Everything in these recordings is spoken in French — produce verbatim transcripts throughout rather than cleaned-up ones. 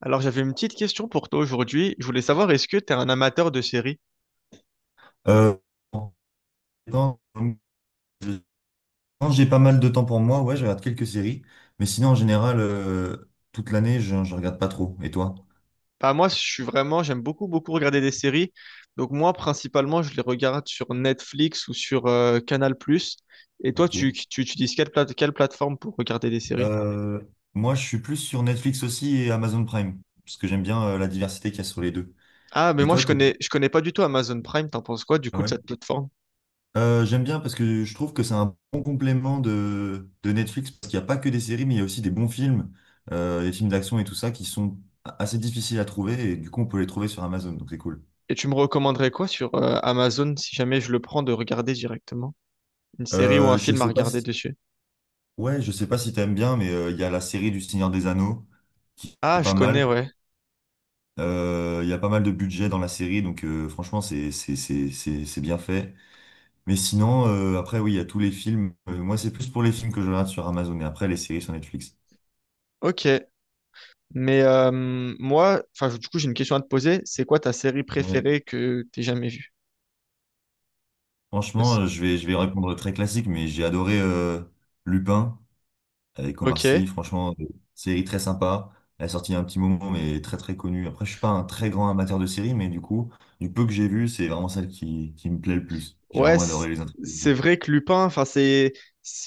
Alors, j'avais une petite question pour toi aujourd'hui. Je voulais savoir, est-ce que tu es un amateur de séries? Euh, quand quand j'ai pas mal de temps pour moi, ouais, je regarde quelques séries. Mais sinon, en général, euh, toute l'année, je, je regarde pas trop. Et toi? Bah, moi, je suis vraiment, j'aime beaucoup, beaucoup regarder des séries. Donc, moi, principalement, je les regarde sur Netflix ou sur euh, Canal+. Plus. Et toi, tu, Ok. tu, tu utilises quelle, plate- quelle plateforme pour regarder des séries? Euh, Moi, je suis plus sur Netflix aussi et Amazon Prime, parce que j'aime bien euh, la diversité qu'il y a sur les deux. Ah, mais Et moi, toi, je t'es... connais, je connais pas du tout Amazon Prime. T'en penses quoi, du Ah coup, de ouais. cette plateforme? Euh, j'aime bien parce que je trouve que c'est un bon complément de, de Netflix, parce qu'il n'y a pas que des séries, mais il y a aussi des bons films, euh, des films d'action et tout ça, qui sont assez difficiles à trouver, et du coup, on peut les trouver sur Amazon, donc c'est cool. Et tu me recommanderais quoi sur euh, Amazon si jamais je le prends de regarder directement? Une série ou un Euh, je film à sais pas regarder si... dessus? Ouais, je sais pas si t'aimes bien, mais euh, il y a la série du Seigneur des Anneaux qui est Ah, je pas connais, mal. ouais. Euh, Il y a pas mal de budget dans la série, donc euh, franchement, c'est c'est c'est c'est c'est bien fait. Mais sinon, euh, après, oui, il y a tous les films. Euh, moi, c'est plus pour les films que je regarde sur Amazon, et après, les séries sur Netflix. Ok. Mais euh, moi, enfin, du coup, j'ai une question à te poser. C'est quoi ta série Ouais. préférée que t'aies jamais vue? Franchement, Parce- euh, je vais je vais répondre très classique, mais j'ai adoré euh, Lupin. Avec Omar Ok. Sy. Franchement, euh, série très sympa. Elle est sortie il y a un petit moment, mais très très connue. Après, je suis pas un très grand amateur de séries, mais du coup, du peu que j'ai vu, c'est vraiment celle qui, qui me plaît le plus. J'ai Ouais, vraiment c- adoré les c'est intrigues. vrai que Lupin, enfin, c'est,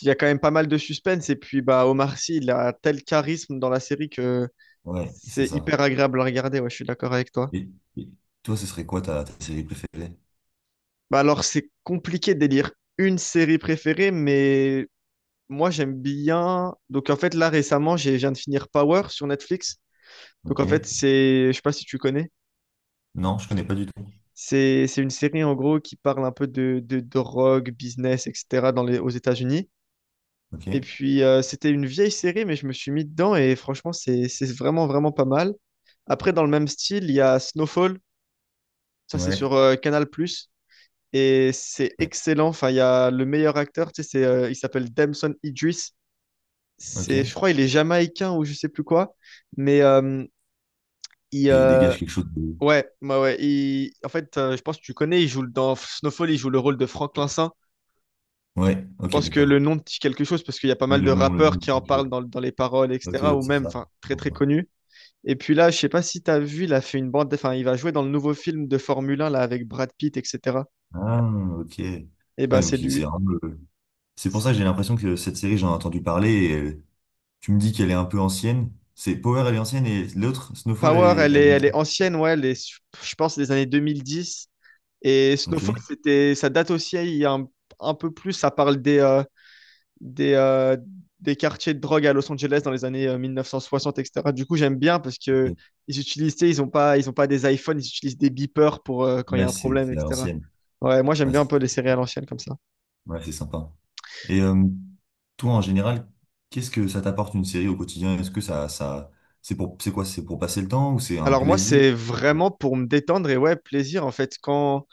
il y a quand même pas mal de suspense. Et puis, bah, Omar Sy, il a tel charisme dans la série que Ouais, c'est c'est ça. hyper agréable à regarder. Ouais, je suis d'accord avec toi. Et, et toi, ce serait quoi ta, ta série préférée? Bah, alors, c'est compliqué d'élire une série préférée, mais moi, j'aime bien. Donc, en fait, là, récemment, j'ai, je viens de finir Power sur Netflix. Donc, en fait, Ok. c'est, je sais pas si tu connais. Non, je connais pas du tout. C'est, c'est une série en gros qui parle un peu de, de drogue, business, et cetera dans les, aux États-Unis. Et Ok. puis euh, c'était une vieille série, mais je me suis mis dedans et franchement c'est, c'est vraiment vraiment pas mal. Après dans le même style, il y a Snowfall, ça c'est sur Ouais. euh, Canal+, et c'est Ouais. excellent. Enfin il y a le meilleur acteur, tu sais, c'est, euh, il s'appelle Damson Idris. Ok. C'est, je Et crois il est jamaïcain ou je sais plus quoi, mais euh, il, il euh, dégage quelque chose de... Ouais, ouais, ouais. il- En fait, euh, je pense que tu connais, il joue le- dans Snowfall, il joue le rôle de Franklin Saint. Ouais. Je Ok, pense que le d'accord. nom te dit quelque chose parce qu'il y a pas Mais mal de le nom, le rappeurs nom. qui en parlent dans, dans les paroles, Ok, et cetera. ouais, Ou c'est même, ça. enfin, très Pour très ça. connus. Et puis là, je sais pas si tu as vu, il a fait une bande, enfin, il va jouer dans le nouveau film de Formule un là avec Brad Pitt, et cetera. Ah, ok. Et Ah, oui, bah, c'est donc il- c'est lui. vraiment le, c'est pour ça que j'ai l'impression que cette série, j'en ai entendu parler. Et euh, tu me dis qu'elle est un peu ancienne. C'est Power, elle est ancienne et l'autre, Snowfall, elle Power, est, elle elle est, est elle est ancienne. ancienne, ouais, elle est, je pense, des années deux mille dix. Et Ok. Snowfall, c'était, ça date aussi il y a un, un peu plus, ça parle des, euh, des, euh, des quartiers de drogue à Los Angeles dans les années euh, mille neuf cent soixante, et cetera. Du coup, j'aime bien parce Ok. que ils utilisent, tu sais, ils ont pas, ils ont pas des iPhones, ils utilisent des beepers pour euh, quand il y a Ouais, un c'est problème, c'est à et cetera. l'ancienne. Ouais, moi j'aime Ouais, bien un peu les c'est séries à l'ancienne comme ça. ouais, c'est sympa. Et euh, toi, en général, qu'est-ce que ça t'apporte une série au quotidien? Est-ce que ça, ça, c'est pour, c'est quoi? C'est pour passer le temps ou c'est un Alors moi plaisir? c'est vraiment pour me détendre et ouais, plaisir en fait quand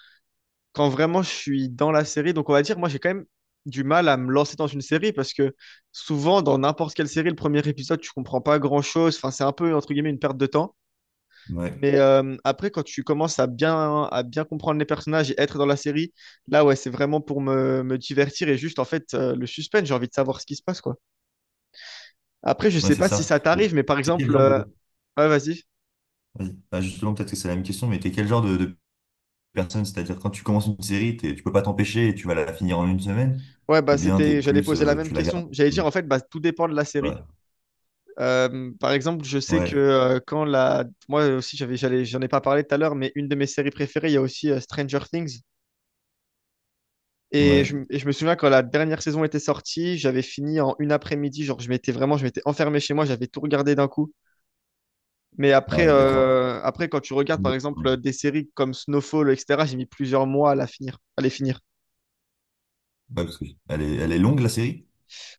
quand vraiment je suis dans la série. Donc on va dire moi j'ai quand même du mal à me lancer dans une série parce que souvent dans n'importe quelle série le premier épisode tu comprends pas grand-chose, enfin c'est un peu entre guillemets une perte de temps. Ouais, Mais euh, après, quand tu commences à bien, à bien comprendre les personnages et être dans la série, là, ouais, c'est vraiment pour me, me divertir et juste, en fait, euh, le suspense, j'ai envie de savoir ce qui se passe, quoi. Après, je ouais, sais c'est pas si ça. ça Et t'arrive, mais par t'es quel exemple, genre euh, de... ouais, vas-y. Vas-y. Bah, justement, peut-être que c'est la même question, mais t'es quel genre de, de personne. C'est-à-dire quand tu commences une série, t'es- tu peux pas t'empêcher et tu vas la finir en une semaine, Ouais, bah, ou bien t'es c'était, j'allais plus, poser la euh, même tu la gardes. question. J'allais dire, en fait, bah, tout dépend de la série. Ouais, Euh, par exemple, je sais que ouais, euh, quand la, moi aussi, j'avais, j'allais, j'en ai pas parlé tout à l'heure, mais une de mes séries préférées, il y a aussi euh, Stranger Things. Et je, ouais. et je me souviens quand la dernière saison était sortie, j'avais fini en une après-midi. Genre, je m'étais vraiment, je m'étais enfermé chez moi, j'avais tout regardé d'un coup. Mais Ah après, ouais, d'accord. euh, après, quand tu regardes par Ouais, exemple euh, des séries comme Snowfall, et cetera, j'ai mis plusieurs mois à la finir, à les finir. parce que elle est, elle est longue la série?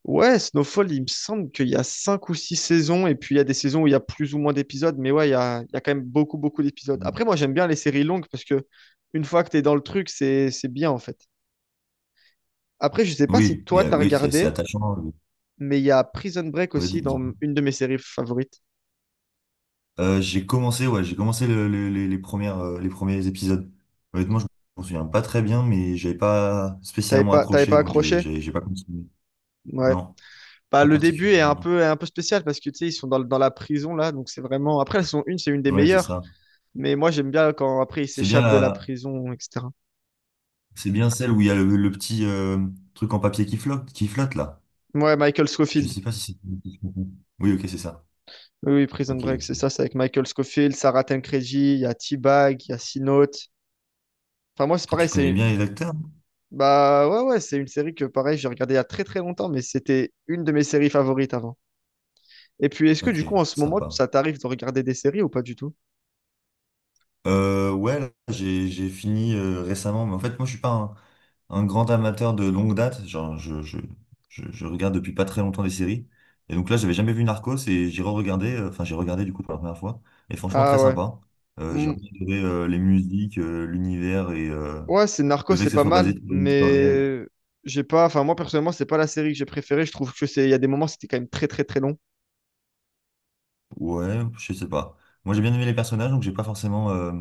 Ouais, Snowfall, il me semble qu'il y a cinq ou six saisons, et puis il y a des saisons où il y a plus ou moins d'épisodes, mais ouais, il y a, il y a quand même beaucoup, beaucoup d'épisodes. Après, moi, j'aime bien les séries longues parce que une fois que tu es dans le truc, c'est, c'est bien en fait. Après, je sais pas si Oui, toi, et, euh, t'as oui, c'est c'est regardé, attachant. euh, mais il y a Prison Break Ouais, dis- aussi dans dis-moi. une de mes séries favorites. Euh, j'ai commencé, ouais, j'ai commencé le- le- les, les premières, euh, les premiers épisodes. Honnêtement, je m'en souviens pas très bien, mais j'avais pas T'avais spécialement pas, t'avais accroché, pas donc j'ai, accroché? j'ai j'ai pas continué. Ouais. Non, Bah, pas le début est un particulièrement. peu, est un peu spécial parce que tu sais, ils sont dans, le- dans la prison là, donc c'est vraiment. Après, elles sont une, c'est une des Oui, c'est meilleures, ça. mais moi j'aime bien quand après ils C'est bien s'échappent de la la, prison, et cetera. C'est bien celle où il y a le, le petit euh, truc en papier qui flotte, qui flotte là. Ouais, Michael Je Scofield. sais pas si c'est. Oui, ok, c'est ça. Oui, oui, Prison Ok, Break, c'est ok. ça, c'est avec Michael Scofield, Sarah Tancredi, il y a T-Bag, il y a Sea Note. Enfin, moi c'est Toi, tu pareil, connais c'est. bien les acteurs? Hein. Bah ouais, ouais, c'est une série que pareil, j'ai regardée il y a très très longtemps, mais c'était une de mes séries favorites avant. Et puis, est-ce que Ok, du coup, en ce moment, sympa. ça t'arrive de regarder des séries ou pas du tout? Euh, ouais, là, j'ai j'ai fini euh, récemment, mais en fait, moi, je suis pas un, un grand amateur de longue date. Genre, je, je, je, je regarde depuis pas très longtemps des séries. Et donc là, j'avais jamais vu Narcos et j'ai re-regardé, euh, enfin, j'ai regardé du coup pour la première fois. Et franchement, Ah très ouais. sympa. Euh, j'ai Hmm, adoré euh, les musiques, euh, l'univers et euh, ouais, c'est Narcos, le fait c'est que ça pas soit basé mal, sur une histoire réelle. mais j'ai pas. Enfin, moi personnellement, c'est pas la série que j'ai préférée. Je trouve que c'est. Il y a des moments, c'était quand même très très très long. Ouais, je sais pas. Moi, j'ai bien aimé les personnages, donc j'ai pas forcément, euh,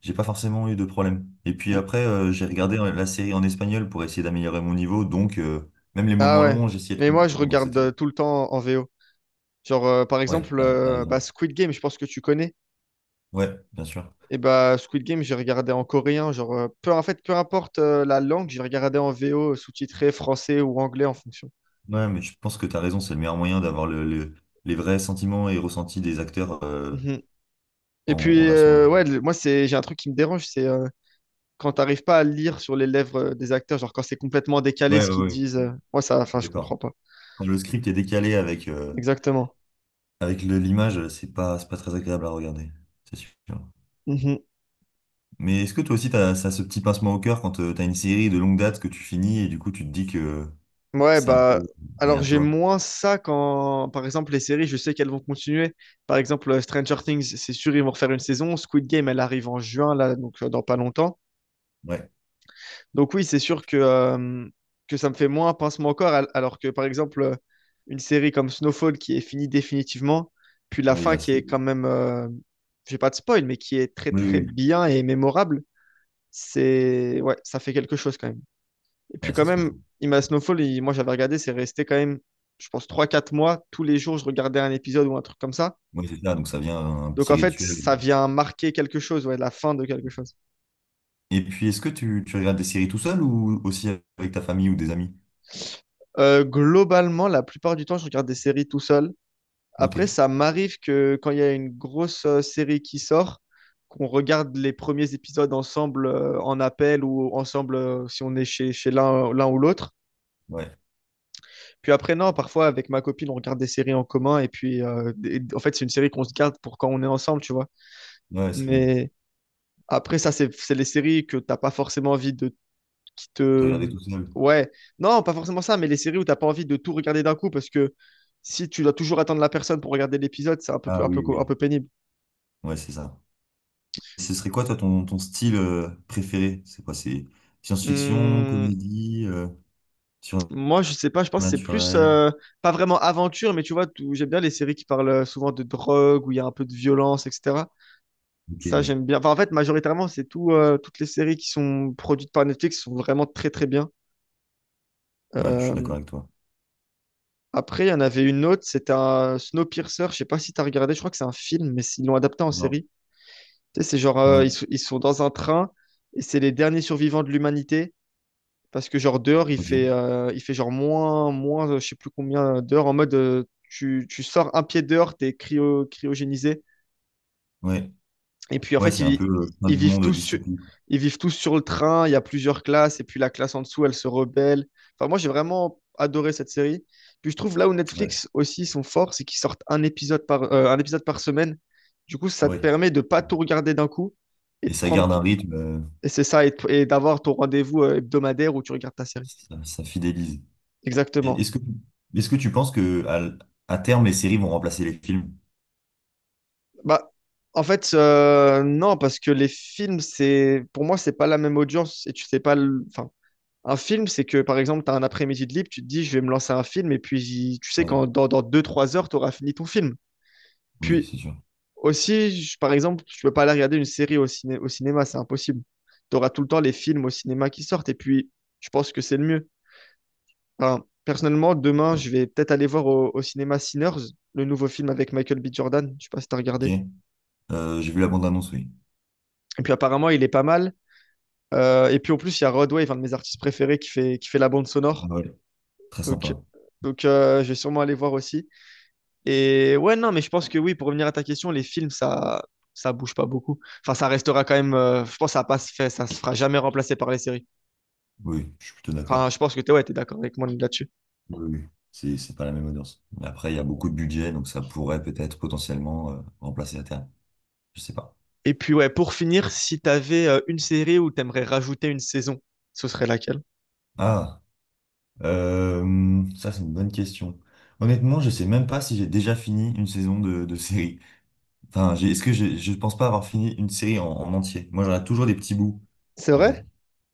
j'ai pas forcément eu de problème. Et puis Mm. après, euh, j'ai regardé la série en espagnol pour essayer d'améliorer mon niveau, donc euh, même les Ah moments ouais. longs, j'essayais de Mais moi, je comprendre. Donc regarde c'était euh, cool. tout le temps en V O. Genre, euh, par Ouais, exemple, t'as, t'as euh, bah, raison. Squid Game, je pense que tu connais. Ouais, bien sûr. Et bah, Squid Game, j'ai regardé en coréen. Genre, euh, peu en fait, peu importe euh, la langue, j'ai regardé en V O, sous-titré français ou anglais en fonction. Ouais, mais je pense que t'as raison, c'est le meilleur moyen d'avoir le, le- les vrais sentiments et ressentis des acteurs euh, Mhm. Et en, en puis, version euh, ouais, originale. le- moi, c'est j'ai un truc qui me dérange, c'est euh, quand t'arrives pas à le lire sur les lèvres euh, des acteurs, genre quand c'est complètement décalé Ouais, ce ouais, qu'ils ouais, disent, euh, ouais, moi ça, je suis enfin je d'accord. comprends pas. Quand le script est décalé avec euh, Exactement. avec le- l'image, c'est pas, c'est pas très agréable à regarder. C'est sûr. Mhm. Mais est-ce que toi aussi, t'as, ça, ce petit pincement au cœur quand euh, t'as une série de longue date que tu finis et du coup, tu te dis que Ouais, c'est un peu bah alors derrière j'ai toi? moins ça quand, par exemple, les séries, je sais qu'elles vont continuer. Par exemple, euh, Stranger Things, c'est sûr, ils vont refaire une saison. Squid Game, elle arrive en juin, là, donc euh, dans pas longtemps. Ouais, Donc oui, c'est sûr que, euh, que ça me fait moins pincement au corps, al- alors que par exemple, euh, une série comme Snowfall qui est finie définitivement, puis la oui, fin là, qui c'est. est quand Oui, même, euh, j'ai pas de spoil, mais qui est très oui, très oui. bien et mémorable, c'est ouais, ça fait quelque chose quand même. Et puis Ouais, quand ça se même, comprend. Ima Snowfall, il- moi j'avais regardé, c'est resté quand même, je pense, trois quatre mois, tous les jours je regardais un épisode ou un truc comme ça. Oui, c'est ça, donc ça vient un Donc petit en fait, rituel. ça vient marquer quelque chose, ouais, la fin de quelque chose. Et puis, est-ce que tu, tu regardes des séries tout seul ou aussi avec ta famille ou des amis? Euh, globalement, la plupart du temps, je regarde des séries tout seul. Ok, Après, ça m'arrive que quand il y a une grosse euh, série qui sort, qu'on regarde les premiers épisodes ensemble euh, en appel ou ensemble euh, si on est chez, chez l'un l'un ou l'autre. ouais, Puis après, non, parfois avec ma copine, on regarde des séries en commun et puis euh, et- en fait, c'est une série qu'on se garde pour quand on est ensemble, tu vois. ouais, c'est bien. Mais après, ça, c'est c'est les séries que t'as pas forcément envie de qui Tu te. regardais tout seul? Ouais, non, pas forcément ça, mais les séries où t'as pas envie de tout regarder d'un coup parce que si tu dois toujours attendre la personne pour regarder l'épisode, c'est un peu, Ah un peu, oui, un oui, peu pénible. ouais, c'est ça. Ce serait quoi, toi, ton, ton style euh, préféré? C'est quoi? C'est science-fiction, Hum, comédie, euh, moi, je sais pas, je pense que c'est plus, surnaturel? euh, pas vraiment aventure, mais tu vois, tout- j'aime bien les séries qui parlent euh, souvent de drogue, où il y a un peu de violence, et cetera. Ok, Ça, ouais, j'aime bien. Enfin, en fait, majoritairement, c'est tout, euh, toutes les séries qui sont produites par Netflix sont vraiment très, très bien. ouais, je suis Euh, d'accord avec toi. après, il y en avait une autre, c'était un Snowpiercer, je sais pas si t'as regardé, je crois que c'est un film, mais ils l'ont adapté en Non. série. Tu sais, c'est genre, euh, ils, Ouais, sont- ils sont dans un train, et c'est les derniers survivants de l'humanité, parce que genre dehors, il fait, ok. euh, il fait genre moins, moins, euh, je sais plus combien d'heures en mode euh, tu, tu sors un pied dehors, t'es cryo, cryogénisé. Ouais. Et puis en Ouais, fait, c'est un ils, peu euh, fin ils du vivent monde tous sur, dystopique. ils vivent tous sur le train, il y a plusieurs classes, et puis la classe en dessous, elle se rebelle. Enfin, moi, j'ai vraiment adoré cette série. Puis je trouve là où Ouais. Netflix aussi sont forts, c'est qu'ils sortent un épisode par, euh, un épisode par semaine. Du coup, ça te Ouais. permet de pas tout regarder d'un coup et Et de ça prendre, garde un rythme, euh, et c'est ça, et, et d'avoir ton rendez-vous euh, hebdomadaire où tu regardes ta série. ça, ça fidélise. Et Exactement. Est-ce que, est-ce que tu penses que à, l- à terme, les séries vont remplacer les films? Bah, en fait, euh, non, parce que les films, c'est pour moi, c'est pas la même audience et tu sais pas. le- Enfin, un film, c'est que par exemple, tu as un après-midi de libre, tu te dis, je vais me lancer un film et puis tu sais Ouais. qu'en dans, dans deux trois heures, tu auras fini ton film. Oui, Puis c'est sûr. aussi, je- par exemple, tu peux pas aller regarder une série au, ciné- au cinéma, c'est impossible. Tu auras tout le temps les films au cinéma qui sortent et puis je pense que c'est le mieux. Enfin, personnellement, demain, Ouais. je vais peut-être aller voir au, au cinéma Sinners, le nouveau film avec Michael B. Jordan. Je sais pas si t'as Ok. regardé. Euh, j'ai vu la bande-annonce, oui. Et puis apparemment, il est pas mal. Euh, et puis en plus, il y a Rodwave, un de mes artistes préférés, qui fait, qui fait la bande Ah sonore. ouais. Très Donc, sympa. donc euh, je vais sûrement aller voir aussi. Et ouais, non, mais je pense que oui, pour revenir à ta question, les films, ça, ça bouge pas beaucoup. Enfin, ça restera quand même. euh, je pense que ça passe fait, ça se fera jamais remplacer par les séries. Oui, je suis plutôt Enfin, d'accord. je pense que t'es ouais, t'es d'accord avec moi là-dessus. Oui, oui. C'est, c'est pas la même audience. Mais après, il y a beaucoup de budget, donc ça pourrait peut-être potentiellement euh, remplacer à terme. Je sais pas. Et puis ouais, pour finir, si t'avais avais une série où t'aimerais rajouter une saison, ce serait laquelle? Ah. Euh, ça, c'est une bonne question. Honnêtement, je sais même pas si j'ai déjà fini une saison de, de série. Enfin, j'ai- est-ce que j'ai- je pense pas avoir fini une série en, en entier. Moi, j'en ai toujours des petits bouts, C'est en fait. vrai?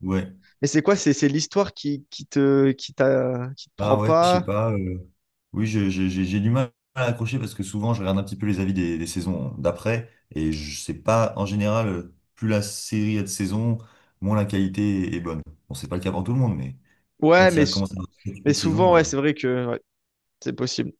Ouais. Mais c'est quoi? C'est c'est l'histoire qui, qui te qui t'a qui te prend Ah ouais, je sais pas? pas. euh, Oui, je- je- j'ai j'ai du mal à accrocher parce que souvent, je regarde un petit peu les avis des, des saisons d'après et je sais pas, en général, euh, plus la série a de saisons, moins la qualité est bonne. Bon, c'est pas le cas pour tout le monde, mais Ouais, quand il y mais a commencé à avoir mais sept huit souvent saisons, ouais, euh, c'est vrai que ouais, c'est possible.